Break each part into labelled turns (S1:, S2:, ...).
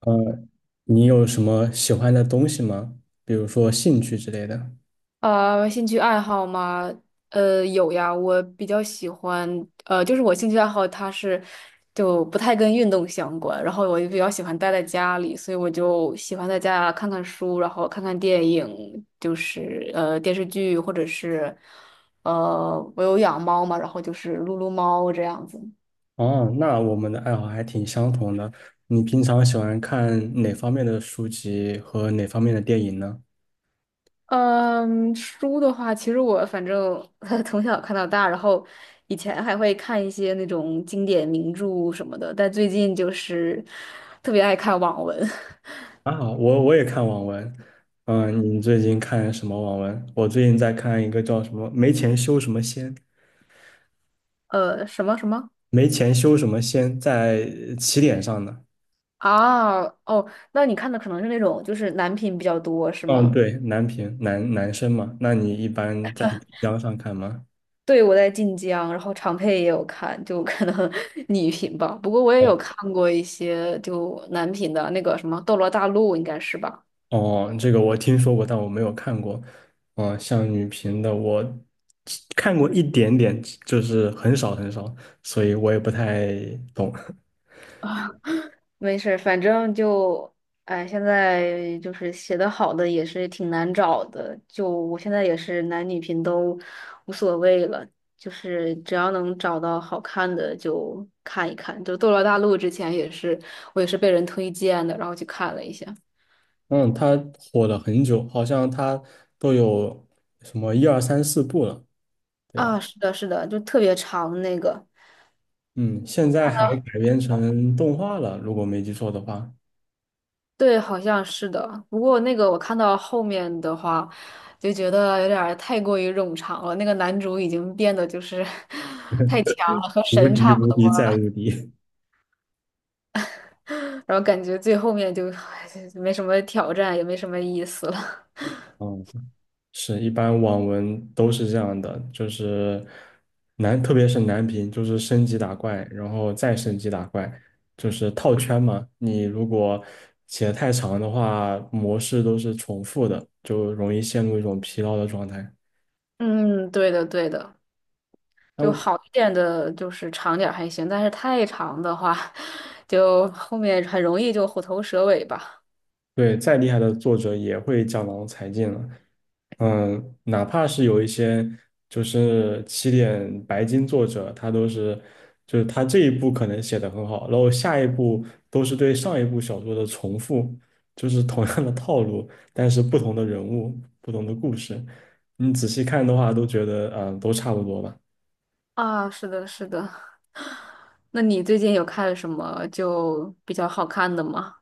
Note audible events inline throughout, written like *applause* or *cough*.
S1: 呃，你有什么喜欢的东西吗？比如说兴趣之类的。
S2: 兴趣爱好吗？有呀，我比较喜欢，就是我兴趣爱好它是就不太跟运动相关，然后我就比较喜欢待在家里，所以我就喜欢在家看看书，然后看看电影，就是电视剧或者是我有养猫嘛，然后就是撸撸猫这样子。
S1: 哦，那我们的爱好还挺相同的。你平常喜欢看哪方面的书籍和哪方面的电影呢？
S2: 嗯，书的话，其实我反正 *laughs* 从小看到大，然后以前还会看一些那种经典名著什么的，但最近就是特别爱看网文。
S1: 啊，我也看网文。嗯，你最近看什么网文？我最近在看一个叫什么"没钱修什么仙"，
S2: *laughs* 什么
S1: 没钱修什么仙，在起点上的。
S2: 啊？哦，那你看的可能是那种就是男频比较多，是
S1: 嗯，
S2: 吗？
S1: 对，男频男生嘛。那你一般在江上看吗？
S2: 对，我在晋江，然后长佩也有看，就可能 *laughs* 女频吧。不过我也有看过一些就男频的那个什么《斗罗大陆》，应该是吧？
S1: 哦，这个我听说过，但我没有看过。嗯，像女频的我看过一点点，就是很少很少，所以我也不太懂。
S2: *laughs* 没事儿，反正就，哎，现在就是写的好的也是挺难找的，就我现在也是男女频都无所谓了，就是只要能找到好看的就看一看。就《斗罗大陆》之前也是我也是被人推荐的，然后去看了一下。
S1: *laughs* 嗯，它火了很久，好像它都有什么一二三四部了，对
S2: 啊，
S1: 吧？
S2: 是的，是的，就特别长那个，
S1: 嗯，现在还改编成动画了，如果没记错的话，
S2: 对，好像是的。不过那个我看到后面的话，就觉得有点儿太过于冗长了。那个男主已经变得就是 *laughs* 太强了，和
S1: 无
S2: 神
S1: 敌
S2: 差不
S1: 无
S2: 多，
S1: 敌再无敌。
S2: 然后感觉最后面就 *laughs* *sighs* 没什么挑战，也没什么意思了。*laughs*
S1: *laughs* 嗯。是一般网文都是这样的，就是难，特别是难评，就是升级打怪，然后再升级打怪，就是套圈嘛。你如果写得太长的话，模式都是重复的，就容易陷入一种疲劳的状态。
S2: 嗯，对的，对的。就好
S1: 那，
S2: 一点的，就是长点儿还行，但是太长的话，*laughs* 就后面很容易就虎头蛇尾吧。
S1: 对，再厉害的作者也会江郎才尽了。嗯，哪怕是有一些就是起点白金作者，他都是，就是他这一部可能写的很好，然后下一部都是对上一部小说的重复，就是同样的套路，但是不同的人物，不同的故事，你仔细看的话，都觉得啊，都差不多吧。
S2: 啊，是的，是的。那你最近有看什么就比较好看的吗？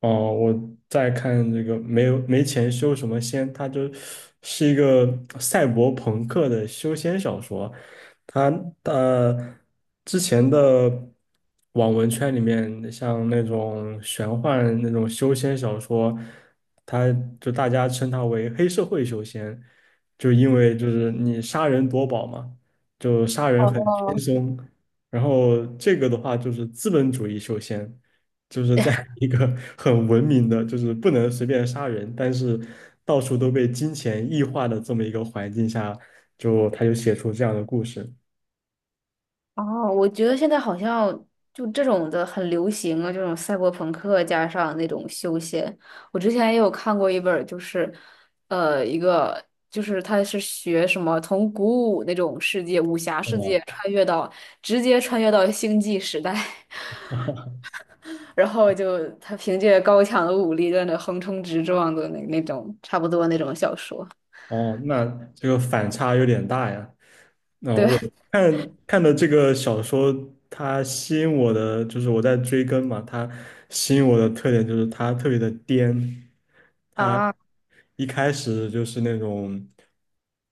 S1: 哦，我在看这个没钱修什么仙，他就是一个赛博朋克的修仙小说。他呃之前的网文圈里面，像那种玄幻那种修仙小说，他就大家称它为黑社会修仙，就因为就是你杀人夺宝嘛，就杀人很轻松。然后这个的话就是资本主义修仙。就是在 *laughs* 一个很文明的，就是不能随便杀人，但是到处都被金钱异化的这么一个环境下，就他就写出这样的故事。
S2: 哦，我觉得现在好像就这种的很流行啊，这种赛博朋克加上那种休闲。我之前也有看过一本儿，就是，一个就是他是学什么从古武那种世界、武侠世
S1: 哦，
S2: 界穿越到直接穿越到星际时代，*laughs* 然后就他凭借高强的武力在那横冲直撞的那种差不多那种小说。
S1: 哦，那这个反差有点大呀。那，
S2: 对
S1: 我看看的这个小说，它吸引我的就是我在追更嘛，它吸引我的特点就是它特别的颠，它
S2: 啊，
S1: 一开始就是那种，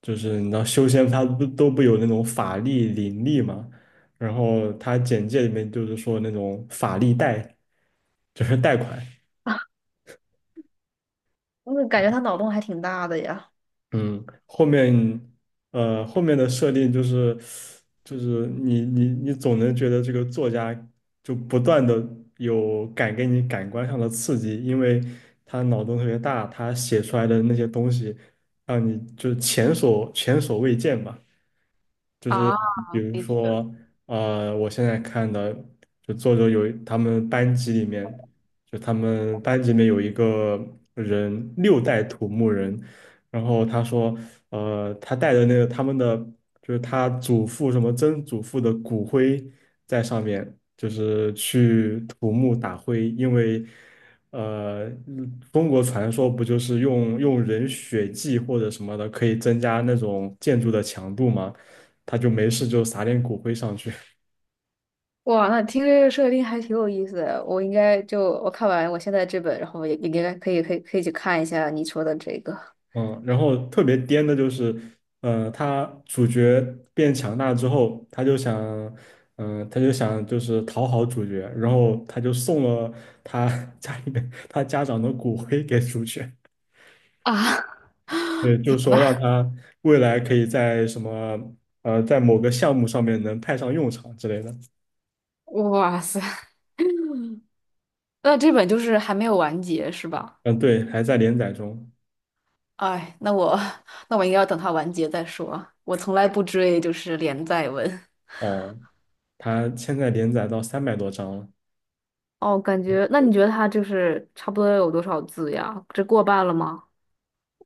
S1: 就是你知道修仙它不都不有那种法力灵力嘛，然后它简介里面就是说那种法力贷，就是贷款，
S2: *laughs* 我感觉他脑洞还挺大的呀。
S1: 嗯，后面后面的设定就是你总能觉得这个作家就不断的给你感官上的刺激，因为他脑洞特别大，他写出来的那些东西让你就是前所未见吧。就是
S2: 啊，
S1: 比如
S2: 的确。
S1: 说，我现在看的，就作者有他们班级里面，就他们班级里面有一个人六代土木人，然后他说，他带的那个他们的，就是他祖父什么曾祖父的骨灰在上面，就是去土木打灰，因为。嗯，中国传说不就是用人血祭或者什么的，可以增加那种建筑的强度吗？他就没事就撒点骨灰上去，
S2: 哇，那听这个设定还挺有意思的。我应该就我看完我现在这本，然后也也应该可以去看一下你说的这个。
S1: 嗯，然后特别颠的就是，他主角变强大之后，他就想就是讨好主角，然后他就送了他 *laughs* 家里面他家长的骨灰给主角，
S2: *laughs* 啊，
S1: 对，就
S2: 天
S1: 说
S2: 呐，
S1: 让他未来可以在什么，在某个项目上面能派上用场之类的，
S2: 哇塞，那这本就是还没有完结是吧？
S1: 嗯，对，还在连载中，
S2: 哎，那我应该要等它完结再说。我从来不追就是连载文。
S1: 哦，他现在连载到300多章了，
S2: 哦，感觉那你觉得它就是差不多有多少字呀？这过半了吗？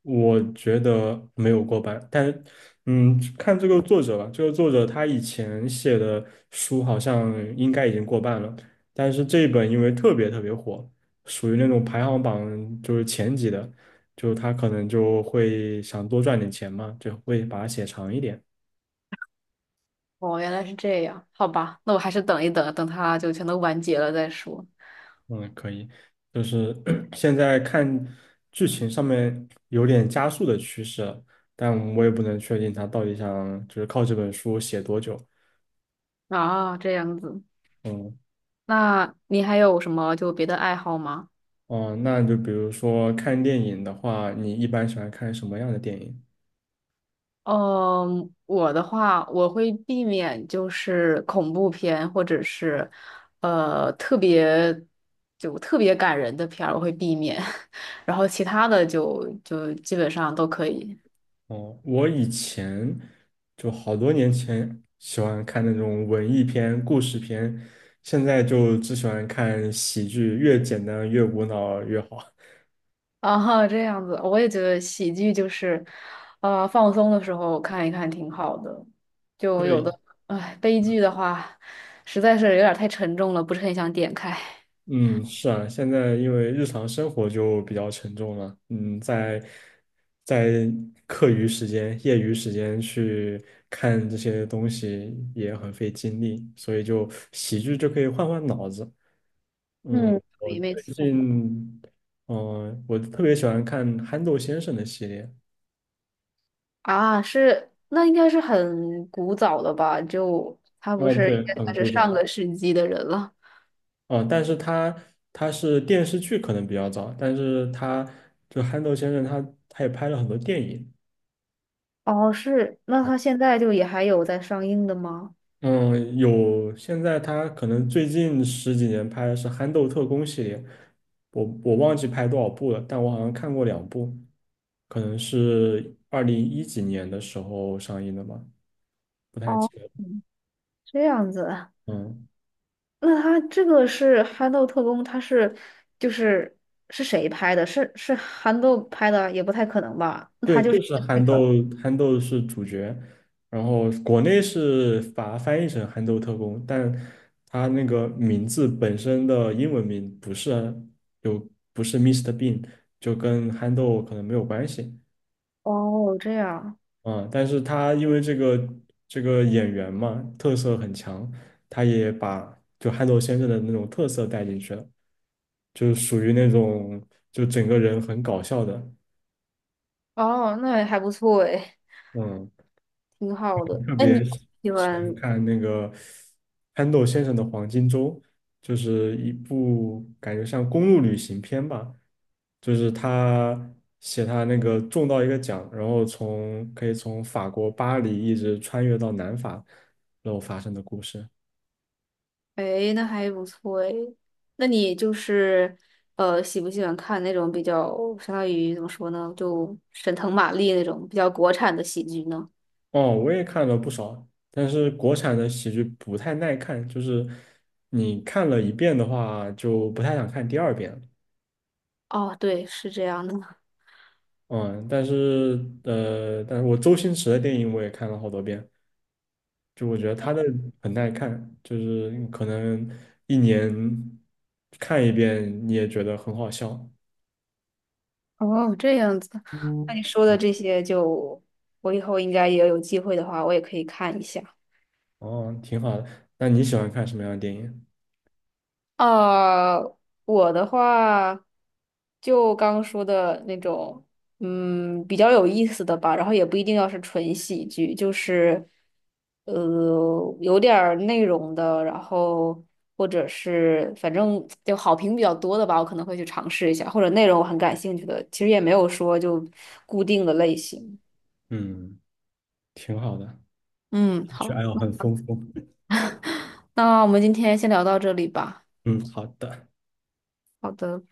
S1: 我觉得没有过半，但看这个作者吧，这个作者他以前写的书好像应该已经过半了，但是这一本因为特别特别火，属于那种排行榜就是前几的，就他可能就会想多赚点钱嘛，就会把它写长一点。
S2: 哦，原来是这样，好吧，那我还是等一等，等它就全都完结了再说。
S1: 嗯，可以，就是 *clears throat* 现在看剧情上面有点加速的趋势了，但我也不能确定他到底想就是靠这本书写多久。
S2: 啊，这样子。
S1: 嗯。
S2: 那你还有什么就别的爱好吗？
S1: 哦，那就比如说看电影的话，你一般喜欢看什么样的电影？
S2: 嗯，我的话，我会避免就是恐怖片或者是特别就特别感人的片儿，我会避免，*laughs* 然后其他的就基本上都可以。
S1: 哦，我以前就好多年前喜欢看那种文艺片、故事片，现在就只喜欢看喜剧，越简单越无脑越好。*laughs*
S2: *laughs* 啊，这样子，我也觉得喜剧就是，放松的时候看一看挺好的。就有
S1: 对，
S2: 的，哎，悲剧的话，实在是有点儿太沉重了，不是很想点开。
S1: 嗯，是啊，现在因为日常生活就比较沉重了，嗯，在课余时间、业余时间去看这些东西也很费精力，所以就喜剧就可以换换脑子。嗯，
S2: 嗯，
S1: 我
S2: 对，没
S1: 最
S2: 错。
S1: 近，我特别喜欢看憨豆先生的系列，
S2: 啊，是，那应该是很古早的吧？就他不
S1: 啊，
S2: 是应
S1: 对，
S2: 该
S1: 很
S2: 算是
S1: 古
S2: 上
S1: 早。
S2: 个世纪的人了。
S1: 哦，但是他他是电视剧可能比较早，但是他就憨豆先生他也拍了很多电影。
S2: 哦，是，那他现在就也还有在上映的吗？
S1: 嗯，有，现在他可能最近十几年拍的是《憨豆特工》系列，我忘记拍多少部了，但我好像看过两部，可能是201几年的时候上映的吧，不太记
S2: 哦，
S1: 得。
S2: 嗯，这样子，
S1: 嗯，
S2: 那他这个是憨豆特工，他是就是是谁拍的？是憨豆拍的，也不太可能吧？那他
S1: 对，
S2: 就是
S1: 就是
S2: 跟那
S1: 憨
S2: 个
S1: 豆，憨豆是主角，然后国内是把它翻译成《憨豆特工》，但他那个名字本身的英文名就不是 Mr. i s t e Bean，就跟憨豆可能没有关系。
S2: 哦，这样
S1: 嗯，但是他因为这个演员嘛，特色很强，他也把就憨豆先生的那种特色带进去了，就是属于那种就整个人很搞笑的，
S2: 哦，那还不错诶，
S1: 嗯，
S2: 挺好的。
S1: 特
S2: 那你
S1: 别
S2: 喜
S1: 喜欢
S2: 欢？
S1: 看那个憨豆先生的《黄金周》，就是一部感觉像公路旅行片吧，就是他写他那个中到一个奖，然后从可以从法国巴黎一直穿越到南法，然后发生的故事。
S2: 哎，那还不错哎。那你就是喜不喜欢看那种比较相当于怎么说呢，就沈腾、马丽那种比较国产的喜剧呢？
S1: 哦，我也看了不少，但是国产的喜剧不太耐看，就是你看了一遍的话，就不太想看第二遍了。
S2: 哦，对，是这样的。*laughs*
S1: 但是我周星驰的电影我也看了好多遍，就我觉得他的很耐看，就是你可能一年看一遍你也觉得很好笑。
S2: 哦，这样子。那
S1: 嗯，
S2: 你说的这些就，我以后应该也有机会的话，我也可以看一下。
S1: 哦，挺好的。那你喜欢看什么样的电影？
S2: 啊，我的话就刚说的那种，嗯，比较有意思的吧，然后也不一定要是纯喜剧，就是有点儿内容的，然后或者是反正就好评比较多的吧，我可能会去尝试一下，或者内容我很感兴趣的，其实也没有说就固定的类型。
S1: 嗯，挺好的。
S2: 嗯，
S1: 兴趣
S2: 好，
S1: 爱好很丰富。*laughs*
S2: 那我们今天先聊到这里吧。
S1: 嗯，好的。
S2: 好的。